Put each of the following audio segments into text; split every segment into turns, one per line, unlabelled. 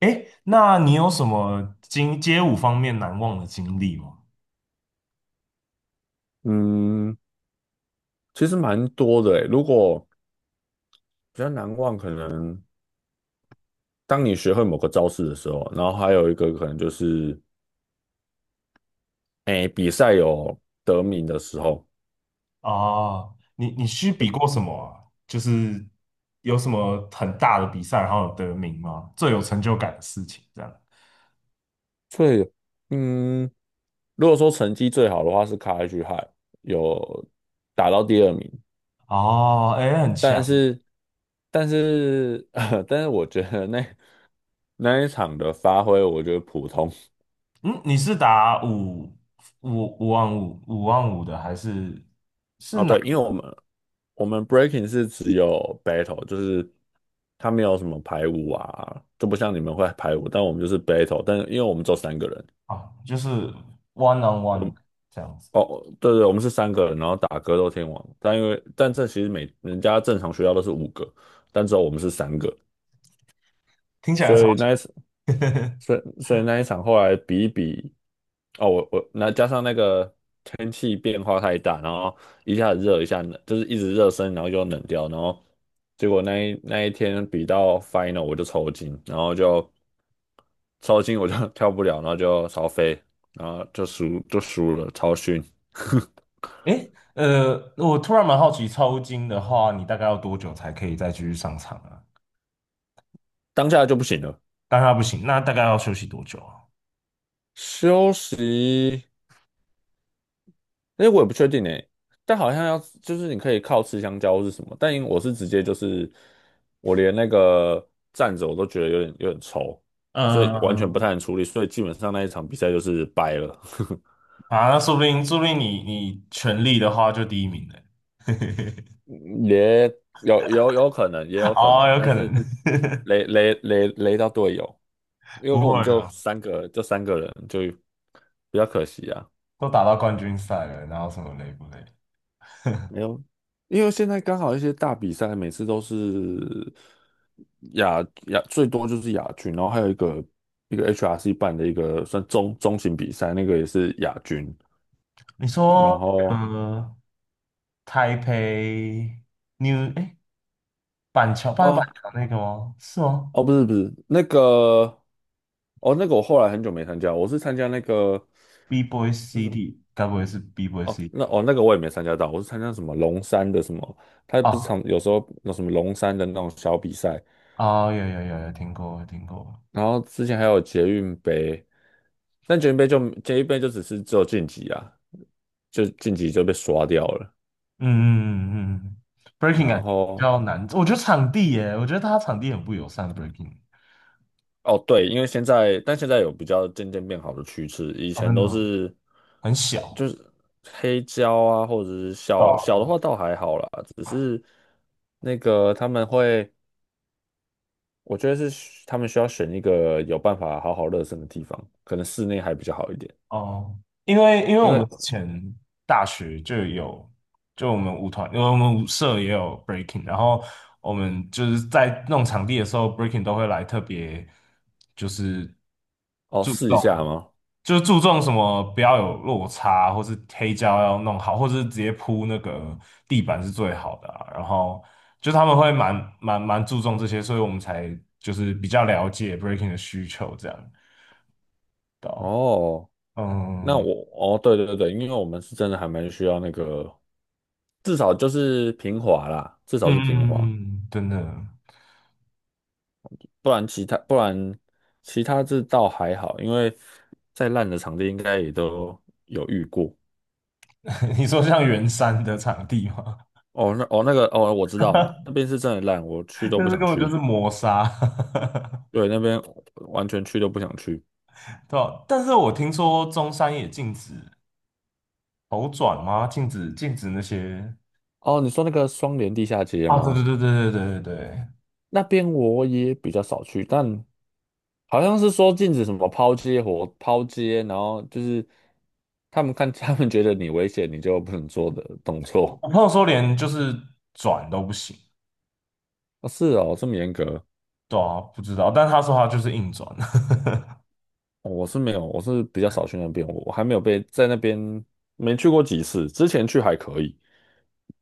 哎，那你有什么经街舞方面难忘的经历吗？
嗯，其实蛮多的诶。如果比较难忘，可能当你学会某个招式的时候，然后还有一个可能就是，诶，比赛有得名的时候。
啊，你去比过什么啊？就是有什么很大的比赛，然后有得名吗？最有成就感的事情，这样。
最，嗯，如果说成绩最好的话是卡 h h i 有打到第二名。
哦，哎，很
但
强。
是，但是，但是我觉得那一场的发挥，我觉得普通。
嗯，你是打五五万五的，还是是
哦，
哪
对，因
一
为我
个
们我们 breaking 是只有 battle，就是它没有什么排舞啊，就不像你们会排舞，但我们就是 battle。但是因为我们只有三个人，
啊？就是 one on
我们
one 这样子，
哦，对对，我们是三个人，然后打格斗天王，但因为但这其实每人家正常学校都是五个，但只有我们是三个。
听起来
所
超。
以那一次 所以那一场后来比一比，哦，我那加上那个天气变化太大，然后一下子热一下冷，就是一直热身，然后就冷掉，然后结果那一天比到 final 我就抽筋，然后就抽筋我就 跳不了，然后就超飞，然后就输了，超逊。
诶，我突然蛮好奇，抽筋的话，你大概要多久才可以再继续上场啊？
当下就不行了，
当然不行，那大概要休息多久啊？
休息。那我也不确定诶，但好像要就是你可以靠吃香蕉或是什么，但因为我是直接我连那个站着我都觉得有点抽，所以完全不
嗯，
太能处理，所以基本上那一场比赛就是掰了。
啊，那说不定，说不定你全力的话就第一名嘞。
也有可能，
哦，有
但
可能，
是雷到队友，因为
不
我们
会
就
了，
三个人就比较可惜啊。
都打到冠军赛了，然后什么累不累？
没有，因为现在刚好一些大比赛每次都是亚亚最多就是亚军，然后还有一个一个 HRC 办的一个算中型比赛，那个也是亚军。
你
然
说，
后
呃，台北 New 哎，板桥，
哦
板桥那个吗？是吗
哦不是不是那个，哦那个我后来很久没参加，我是参加那个。
？B Boy
那什么
City，该不会是 B Boy City？
哦那个我也没参加到，我是参加什么龙山的什么，他不是
哦，
常有时候有什么龙山的那种小比赛。
哦，有听过，有听过。
然后之前还有捷运杯，但捷运杯就只有晋级啊，就晋级就被刷掉了。
嗯，breaking
然
感觉比
后
较难，我觉得场地耶，我觉得他场地很不友善，breaking
哦对，因为现在有比较渐渐变好的趋势，以
啊，
前
真的
都
吗
是
很小，
就是黑胶啊，或者是
对
小小的
啊
话倒还好啦，只是那个他们会，我觉得是他们需要选一个有办法好好热身的地方，可能室内还比较好一点，
哦，因为
因
我们
为
之前大学就有，就我们舞团，因为我们舞社也有 breaking，然后我们就是在弄场地的时候，breaking 都会来特别就是
哦
注
试一下
重，
吗？
就是注重什么不要有落差，或是黑胶要弄好，或是直接铺那个地板是最好的啊然后就他们会蛮注重这些，所以我们才就是比较了解 breaking 的需求这样。对啊
哦。
嗯，
哦，对对对，因为我们是真的还蛮需要那个，至少就是平滑啦，至少是平滑。
嗯，真的，
不然其他这倒还好，因为再烂的场地应该也都有遇过。
你说像圆山的场地吗？
哦，那个，哦，我知道了，那边是真的烂，我去 都
那
不
是
想
根本就
去。
是磨砂，
对，那边完全去都不想去。
对吧？但是我听说中山也禁止头转吗？禁止那些
哦，你说那个双联地下街
啊，对对
吗？
对对对对对对，
那边我也比较少去，但好像是说禁止什么抛接，然后就是他们看 他们觉得你危险，你就不能做的动
我
作。
我朋友说连就是转都不行，
啊，是哦，这么严格。
对啊，不知道，但他说他就是硬转
哦我是没有，我是比较少去那边，我还没有被在那边没去过几次，之前去还可以，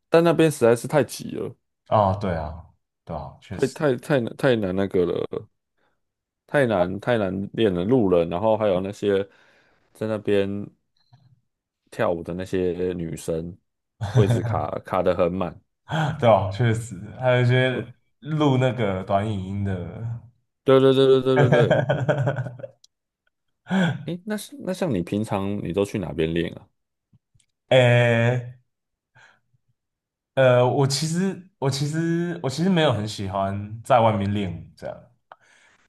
但那边实在是太挤了。
啊，对啊，对啊，确实，
太难那个了，太难练了路人，然后还有那些在那边跳舞的那些女生，位置卡卡得很满。
对啊，确实，还有一
对
些录那个短影音的。
对对对对对对。诶，那是那像你平常你都去哪边练啊？
诶，我其实没有很喜欢在外面练舞这样，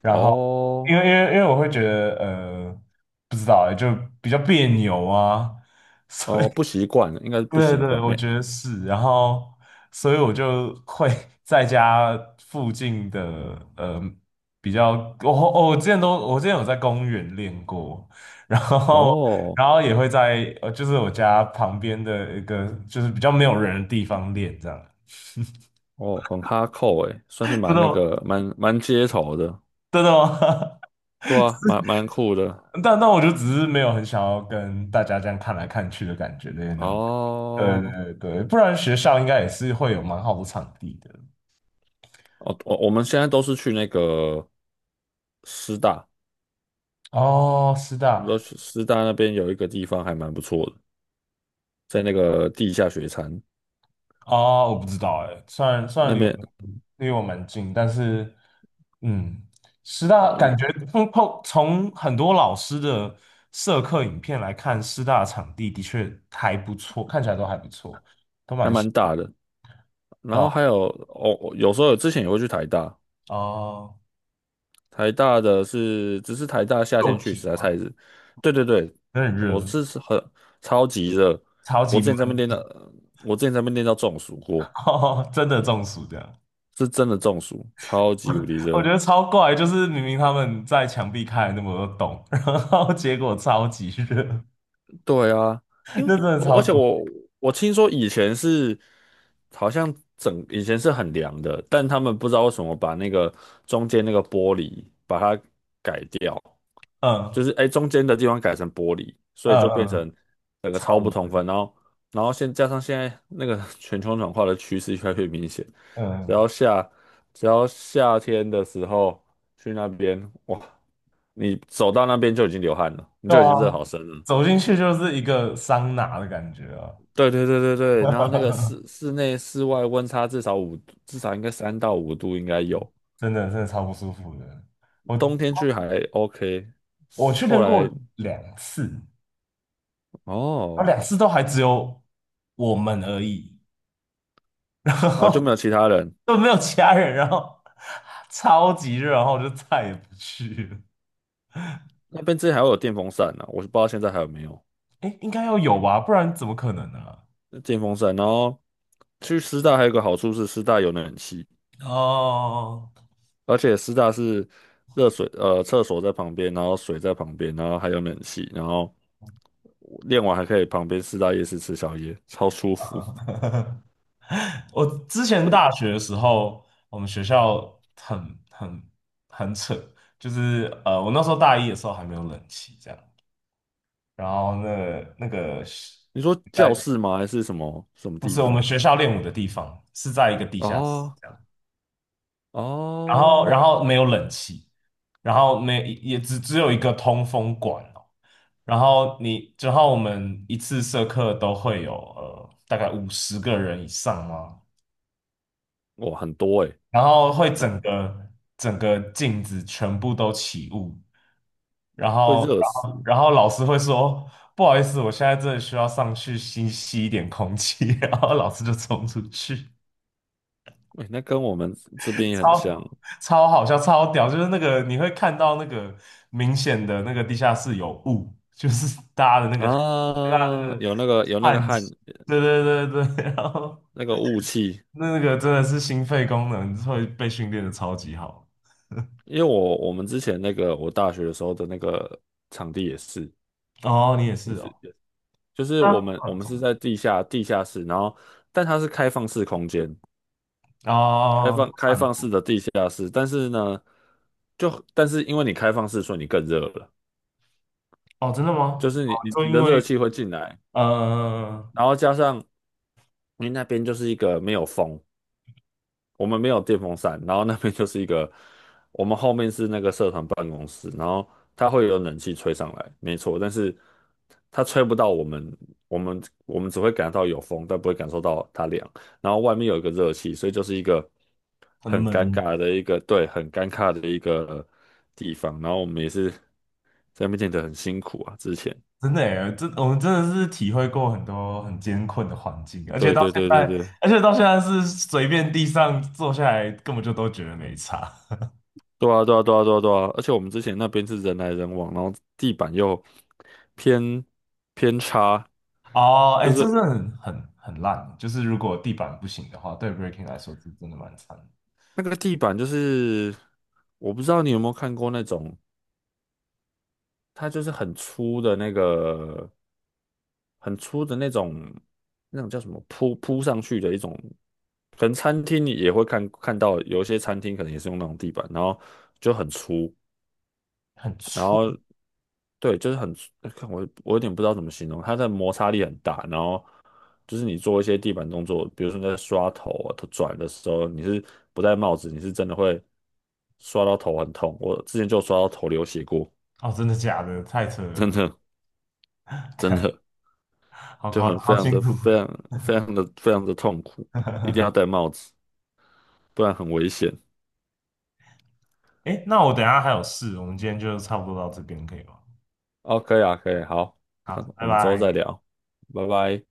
然后
哦
因为我会觉得不知道欸就比较别扭啊，所以
哦，不习惯，应该是 不
对
习
对，
惯
我
没。
觉得是，然后所以我就会 在家附近的呃比较，我之前有在公园练过，然后
哦
然后也会在就是我家旁边的一个就是比较没有人的地方练这样。
哦，很哈扣诶，算是
真
蛮那
都。
个蛮街头的。
真的吗？
对啊，蛮酷的。
但我就只是没有很想要跟大家这样看来看去的感觉的那种。对
哦
对对，不然学校应该也是会有蛮好的场地的。
哦，我们现在都是去那个师大，
哦，师
我们
大
都去师大那边有一个地方还蛮不错的，在那个地下雪山
哦，我不知道哎，虽然
那
离我
边。
蛮近，但是嗯，师
哦，
大感觉
有
从很多老师的社课影片来看，师大场地的确还不错，看起来都还不错。
还蛮大的。然后
哦
还有哦，有时候之前也会去台大。
哦，
台大的是，只是台大夏天
肉
去实
体
在太
吗？
热。对对对，
有点
我
热，
是是超级热。
超
我
级
之
闷。
前在那边练到，我之前在那边练到中暑过，
哦，真的中暑这样，
是真的中暑，超级无敌
我觉
热。
得超怪，就是明明他们在墙壁开了那么多洞，然后结果超级热，
对啊，因为
那真的
我
超
而且
怪，
我我听说以前是好像整以前是很凉的，但他们不知道为什么把那个中间那个玻璃把它
嗯
中间的地方改成玻璃，所以就
嗯
变
嗯，
成整个超
超
不通
冷
风。然后，然后加上现在那个 全球暖化的趋势越来越明显。只
嗯，
要夏只要夏天的时候去那边，哇，你走到那边就已经流汗了，你
对
就已
啊，
经热好深了。
走进去就是一个桑拿的感觉啊，
对对对对对，然后那个 室内室外温差至少五，至少应该三到五度应该有。
真的超不舒服的，我
冬天去还 OK，
我去
后
练过
来
两次，然后
哦，
两次都还只有我们而已，
哦就没有其他人。
都没有其他人，然后超级热，然后我就再也不去了。
那边之前还会有电风扇呢、我是不知道现在还有没有
哎，应该要有吧，不然怎么可能呢、
电风扇。然后去师大还有一个好处是师大有冷气。
哦，
而且师大是热水，厕所在旁边，然后水在旁边，然后还有冷气，然后练完还可以旁边师大夜市吃宵夜，超舒服。
我之前大学的时候，我们学校很扯，就是我那时候大一的时候还没有冷气这样，然后那个是
你说教
在
室吗？还是什么什么
不是
地
我们
方？
学校练舞的地方，是在一个地下室。
哦
这样。然后
哦，
然后没有冷气，没也只有一个通风管哦。然后你，之后我们一次社课都会有大概50个人以上嘛，
哇，很多诶、
然后会
那
整个镜子全部都起雾，然
会
后
热
然
死。
后然后老师会说哦不好意思，我现在真的需要上去吸一点空气，然后老师就冲出去。
哎、那跟我们这边也很像
超超好笑，超屌，就是那个你会看到那个明显的那个地下室有雾，就是大家的那个对啊那
啊，
个
有那个
汗
汗，
气，对对对对，然后
那个雾气。
那个真的是心肺功能会被训练的超级好。
因为我们之前那个我大学的时候的那个场地
哦，你也
也
是
是
哦，
就是
啊，
我们
怎
是
么？
在地下室，然后但它是开放式空间，
哦，
开
看
放式的地下室。但是呢，但是因为你开放式，所以你更热了，
哦，真的
就
吗？
是
哦，就
你
因
的热
为
气会进来，
呃
然后加上你那边就是一个没有风，我们没有电风扇，然后那边就是一个，我们后面是那个社团办公室，然后它会有冷气吹上来，没错，但是它吹不到我们，我们只会感到有风，但不会感受到它凉。然后外面有一个热气，所以就是一个
很
很尴
冷
尬的一个，对，很尴尬的一个地方。然后我们也是在那边练得很辛苦啊，之前，
真的耶，这我们真的是体会过很多很艰困的环境，而且
对
到
对
现
对对
在，
对，
而且到现在是随便地上坐下来，根本就都觉得没差。
对啊，对啊，对啊，对啊，对啊，而且我们之前那边是人来人往，然后地板又偏偏差，
哦，
就
哎，
是
这是很烂，就是如果地板不行的话，对 breaking 来说是真的蛮惨的
那个地板就是，我不知道你有没有看过那种，它就是很粗的那个，很粗的那种那种叫什么铺上去的一种，可能餐厅也会看到有一些餐厅可能也是用那种地板，然后就很粗，
很
然
粗。
后对，就是很，看我有点不知道怎么形容。它的摩擦力很大，然后就是你做一些地板动作，比如说你在刷头啊、头转的时候，你是不戴帽子，你是真的会刷到头很痛。我之前就刷到头流血过，
哦，真的假的？太扯
真
了，
的 真
看，
的
好
就
夸，
很非
好
常
辛
的
苦。
非常的痛苦，一定要 戴帽子，不然很危险。
哎那我等一下还有事，我们今天就差不多到这边可以吗？
哦，可以啊，可以，好，那
好，拜
我们之后再
拜。
聊，拜拜。